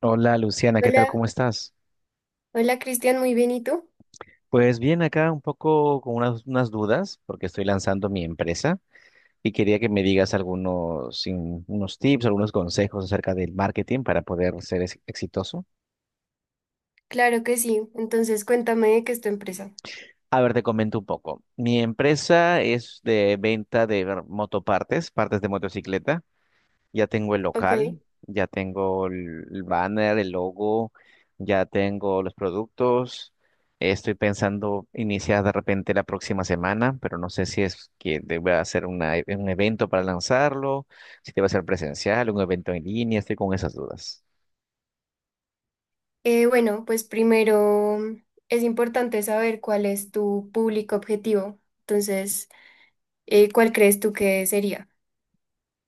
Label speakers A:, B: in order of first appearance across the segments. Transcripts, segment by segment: A: Hola Luciana, ¿qué tal?
B: Hola,
A: ¿Cómo estás?
B: hola Cristian, muy bien, ¿y tú?
A: Pues bien, acá un poco con unas dudas porque estoy lanzando mi empresa y quería que me digas unos tips, algunos consejos acerca del marketing para poder ser exitoso.
B: Claro que sí, entonces cuéntame de qué es tu empresa.
A: A ver, te comento un poco. Mi empresa es de venta de motopartes, partes de motocicleta. Ya tengo el
B: Ok.
A: local, ya tengo el banner, el logo, ya tengo los productos. Estoy pensando iniciar de repente la próxima semana, pero no sé si es que deba hacer un evento para lanzarlo, si debe ser presencial, un evento en línea, estoy con esas dudas.
B: Bueno, pues primero es importante saber cuál es tu público objetivo. Entonces, ¿cuál crees tú que sería?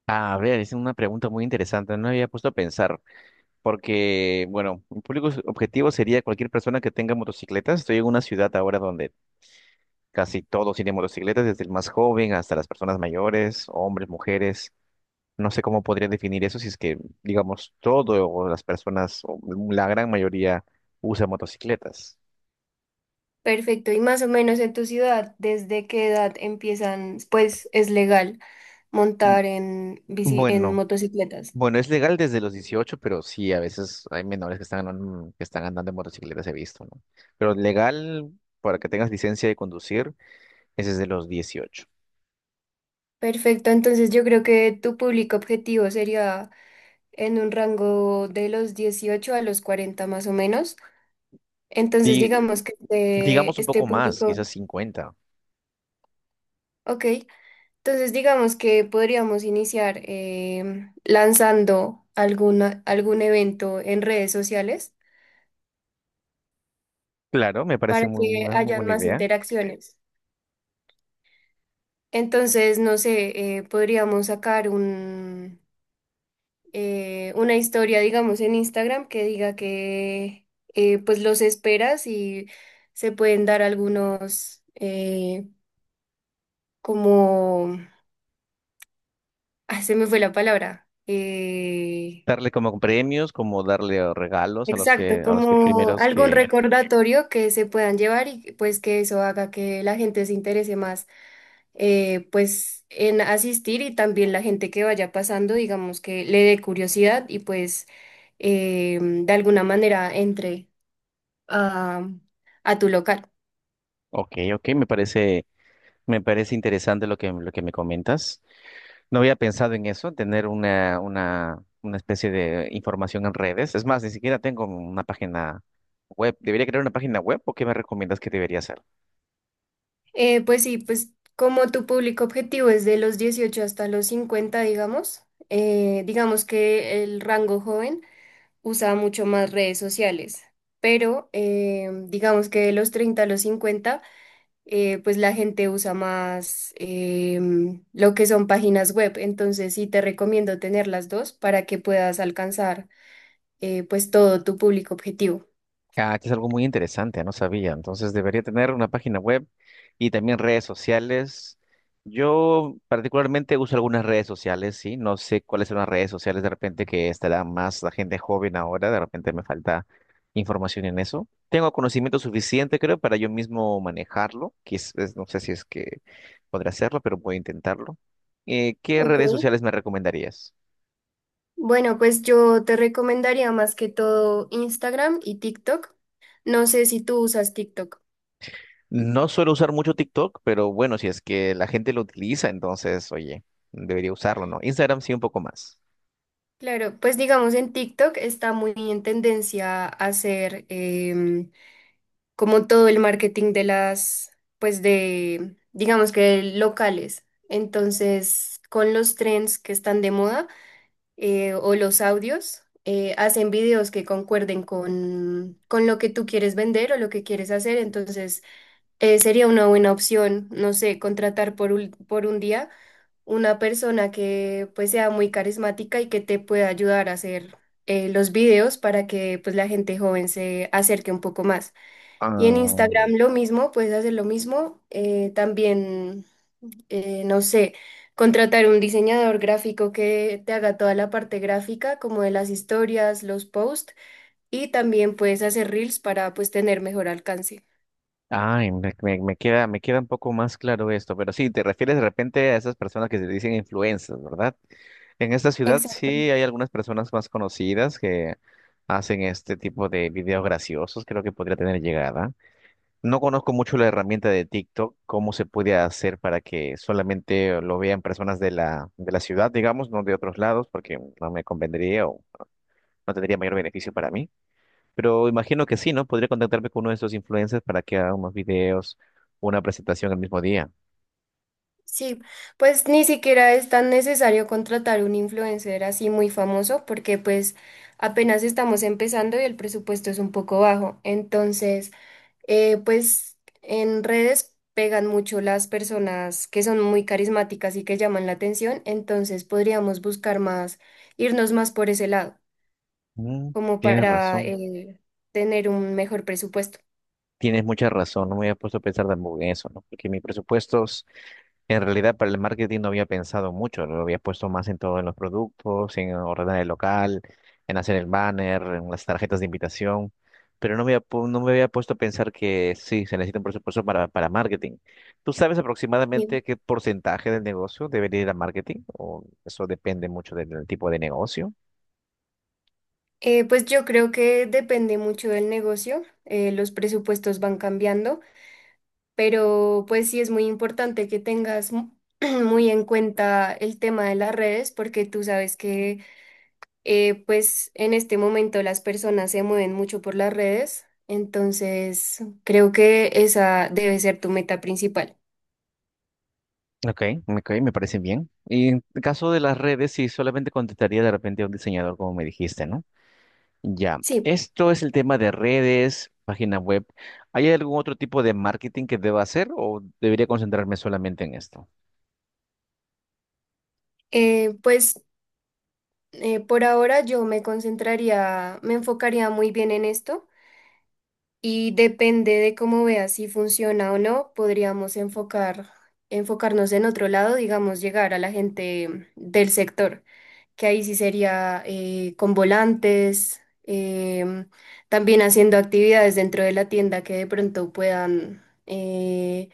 A: A ver, es una pregunta muy interesante, no me había puesto a pensar, porque, bueno, un público objetivo sería cualquier persona que tenga motocicletas. Estoy en una ciudad ahora donde casi todos tienen motocicletas, desde el más joven hasta las personas mayores, hombres, mujeres. No sé cómo podría definir eso si es que, digamos, todo o las personas, o la gran mayoría, usa motocicletas.
B: Perfecto, y más o menos en tu ciudad, ¿desde qué edad empiezan, pues es legal montar en bici, en
A: Bueno,
B: motocicletas?
A: bueno, es legal desde los 18, pero sí, a veces hay menores que que están andando en motocicletas, he visto, ¿no? Pero legal para que tengas licencia de conducir es desde los 18.
B: Perfecto, entonces yo creo que tu público objetivo sería en un rango de los 18 a los 40 más o menos. Entonces,
A: Di-
B: digamos que
A: digamos
B: este,
A: un
B: este
A: poco más, quizás
B: público.
A: 50.
B: Ok, entonces digamos que podríamos iniciar lanzando algún evento en redes sociales
A: Claro, me parece
B: para que
A: una muy
B: hayan
A: buena
B: más
A: idea.
B: interacciones. Entonces, no sé, podríamos sacar una historia, digamos, en Instagram que diga que pues los esperas y se pueden dar algunos como... Ah, se me fue la palabra. Eh,
A: Darle como premios, como darle regalos a los
B: exacto,
A: que
B: como
A: primeros
B: algún
A: que,
B: recordatorio que se puedan llevar, y pues que eso haga que la gente se interese más, pues en asistir. Y también la gente que vaya pasando, digamos que le dé curiosidad y pues de alguna manera entre a, a tu local.
A: ok, ok, me parece interesante lo que me comentas. No había pensado en eso, tener una especie de información en redes. Es más, ni siquiera tengo una página web. ¿Debería crear una página web o qué me recomiendas que debería hacer?
B: Pues sí, pues como tu público objetivo es de los 18 hasta los 50, digamos. Digamos que el rango joven usaba mucho más redes sociales, pero digamos que de los 30 a los 50, pues la gente usa más lo que son páginas web. Entonces sí te recomiendo tener las dos para que puedas alcanzar pues todo tu público objetivo.
A: Ah, que es algo muy interesante, no sabía. Entonces debería tener una página web y también redes sociales. Yo particularmente uso algunas redes sociales, sí. No sé cuáles son las redes sociales de repente que estará más la gente joven ahora. De repente me falta información en eso. Tengo conocimiento suficiente, creo, para yo mismo manejarlo. No sé si es que podré hacerlo, pero voy a intentarlo. ¿Qué
B: Ok.
A: redes sociales me recomendarías?
B: Bueno, pues yo te recomendaría más que todo Instagram y TikTok. No sé si tú usas TikTok.
A: No suelo usar mucho TikTok, pero bueno, si es que la gente lo utiliza, entonces, oye, debería usarlo, ¿no? Instagram sí un poco más.
B: Claro, pues digamos en TikTok está muy en tendencia a hacer como todo el marketing de las, pues de, digamos que locales. Entonces, con los trends que están de moda, o los audios, hacen videos que concuerden con lo que tú quieres vender o lo que quieres hacer. Entonces, sería una buena opción, no sé, contratar por un día una persona que pues sea muy carismática y que te pueda ayudar a hacer los videos para que pues la gente joven se acerque un poco más. Y en
A: Ah,
B: Instagram lo mismo, puedes hacer lo mismo. También, no sé, contratar un diseñador gráfico que te haga toda la parte gráfica, como de las historias, los posts, y también puedes hacer reels para pues tener mejor alcance.
A: ay, me queda un poco más claro esto, pero sí, te refieres de repente a esas personas que se dicen influencers, ¿verdad? En esta ciudad sí
B: Exacto.
A: hay algunas personas más conocidas que hacen este tipo de videos graciosos, creo que podría tener llegada. No conozco mucho la herramienta de TikTok, cómo se puede hacer para que solamente lo vean personas de la ciudad, digamos, no de otros lados, porque no me convendría o no tendría mayor beneficio para mí. Pero imagino que sí, ¿no? Podría contactarme con uno de esos influencers para que haga unos videos, una presentación el mismo día.
B: Sí, pues ni siquiera es tan necesario contratar un influencer así muy famoso porque pues apenas estamos empezando y el presupuesto es un poco bajo. Entonces... Pues en redes pegan mucho las personas que son muy carismáticas y que llaman la atención. Entonces podríamos buscar más, irnos más por ese lado,
A: Mm,
B: como
A: tienes
B: para
A: razón.
B: tener un mejor presupuesto.
A: Tienes mucha razón, no me había puesto a pensar tampoco en eso, ¿no? Porque mis presupuestos, en realidad para el marketing no había pensado mucho, lo había puesto más en todo en los productos, en ordenar el local, en hacer el banner, en las tarjetas de invitación, pero no me había puesto a pensar que sí, se necesita un presupuesto para marketing. ¿Tú sabes aproximadamente
B: Bien.
A: qué porcentaje del negocio debería ir a marketing? ¿O eso depende mucho del tipo de negocio?
B: Pues yo creo que depende mucho del negocio. Los presupuestos van cambiando, pero pues sí es muy importante que tengas muy en cuenta el tema de las redes, porque tú sabes que pues en este momento las personas se mueven mucho por las redes. Entonces creo que esa debe ser tu meta principal.
A: Ok, ok, me parece bien. Y en el caso de las redes, sí, solamente contestaría de repente a un diseñador, como me dijiste, ¿no? Ya,
B: Sí,
A: esto es el tema de redes, página web. ¿Hay algún otro tipo de marketing que deba hacer o debería concentrarme solamente en esto?
B: pues por ahora yo me concentraría, me enfocaría muy bien en esto. Y depende de cómo veas si funciona o no, podríamos enfocarnos en otro lado, digamos, llegar a la gente del sector, que ahí sí sería con volantes, también haciendo actividades dentro de la tienda que de pronto puedan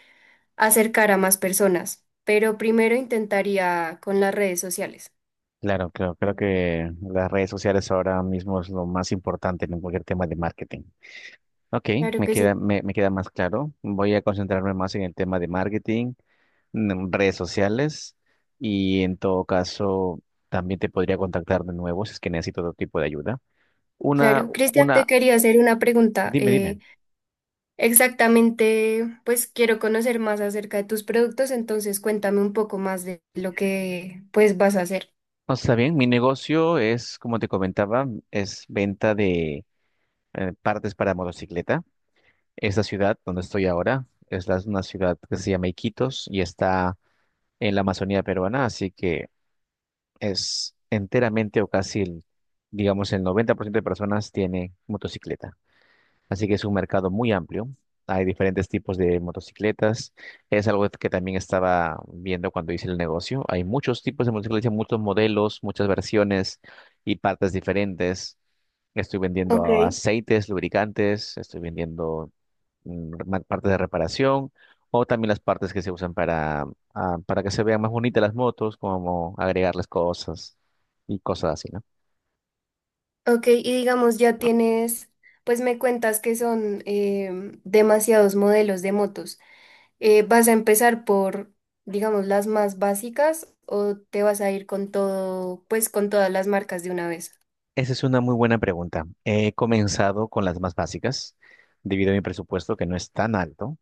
B: acercar a más personas. Pero primero intentaría con las redes sociales.
A: Claro, claro, creo que las redes sociales ahora mismo es lo más importante en cualquier tema de marketing. Ok,
B: Claro que sí,
A: me queda más claro. Voy a concentrarme más en el tema de marketing, en redes sociales y en todo caso también te podría contactar de nuevo si es que necesito otro tipo de ayuda. Una,
B: claro. Cristian, te
A: una,
B: quería hacer una pregunta.
A: Dime, dime.
B: Exactamente, pues quiero conocer más acerca de tus productos. Entonces cuéntame un poco más de lo que pues vas a hacer.
A: No, está bien, mi negocio es, como te comentaba, es venta de partes para motocicleta. Esta ciudad donde estoy ahora una ciudad que se llama Iquitos y está en la Amazonía peruana, así que es enteramente o casi, digamos, el 90% de personas tiene motocicleta. Así que es un mercado muy amplio. Hay diferentes tipos de motocicletas. Es algo que también estaba viendo cuando hice el negocio. Hay muchos tipos de motocicletas, muchos modelos, muchas versiones y partes diferentes. Estoy
B: Ok.
A: vendiendo aceites, lubricantes, estoy vendiendo partes de reparación o también las partes que se usan para, ah, para que se vean más bonitas las motos, como agregarles cosas y cosas así, ¿no?
B: Ok, y digamos ya tienes, pues me cuentas que son demasiados modelos de motos. ¿Vas a empezar por, digamos, las más básicas o te vas a ir con todo, pues con todas las marcas de una vez?
A: Esa es una muy buena pregunta. He comenzado con las más básicas, debido a mi presupuesto que no es tan alto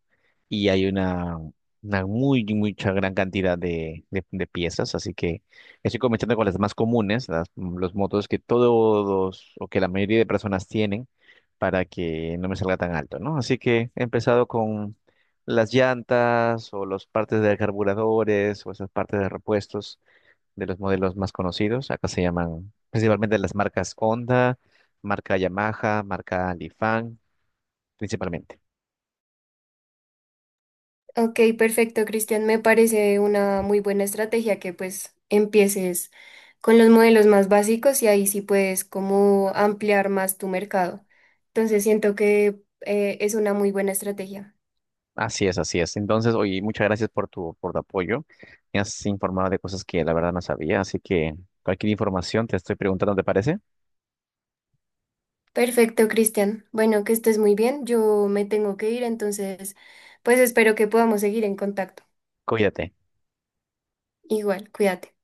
A: y hay mucha gran cantidad de, de piezas, así que estoy comenzando con las más comunes, los motos que todos o que la mayoría de personas tienen para que no me salga tan alto, ¿no? Así que he empezado con las llantas o las partes de carburadores o esas partes de repuestos de los modelos más conocidos. Acá se llaman principalmente las marcas Honda, marca Yamaha, marca Lifan, principalmente.
B: Ok, perfecto, Cristian. Me parece una muy buena estrategia que pues empieces con los modelos más básicos y ahí sí puedes como ampliar más tu mercado. Entonces siento que es una muy buena estrategia.
A: Así es, así es. Entonces, oye, muchas gracias por por tu apoyo. Me has informado de cosas que la verdad no sabía, así que cualquier información te estoy preguntando, ¿te parece?
B: Perfecto, Cristian. Bueno, que estés muy bien. Yo me tengo que ir, entonces pues espero que podamos seguir en contacto.
A: Cuídate.
B: Igual, cuídate.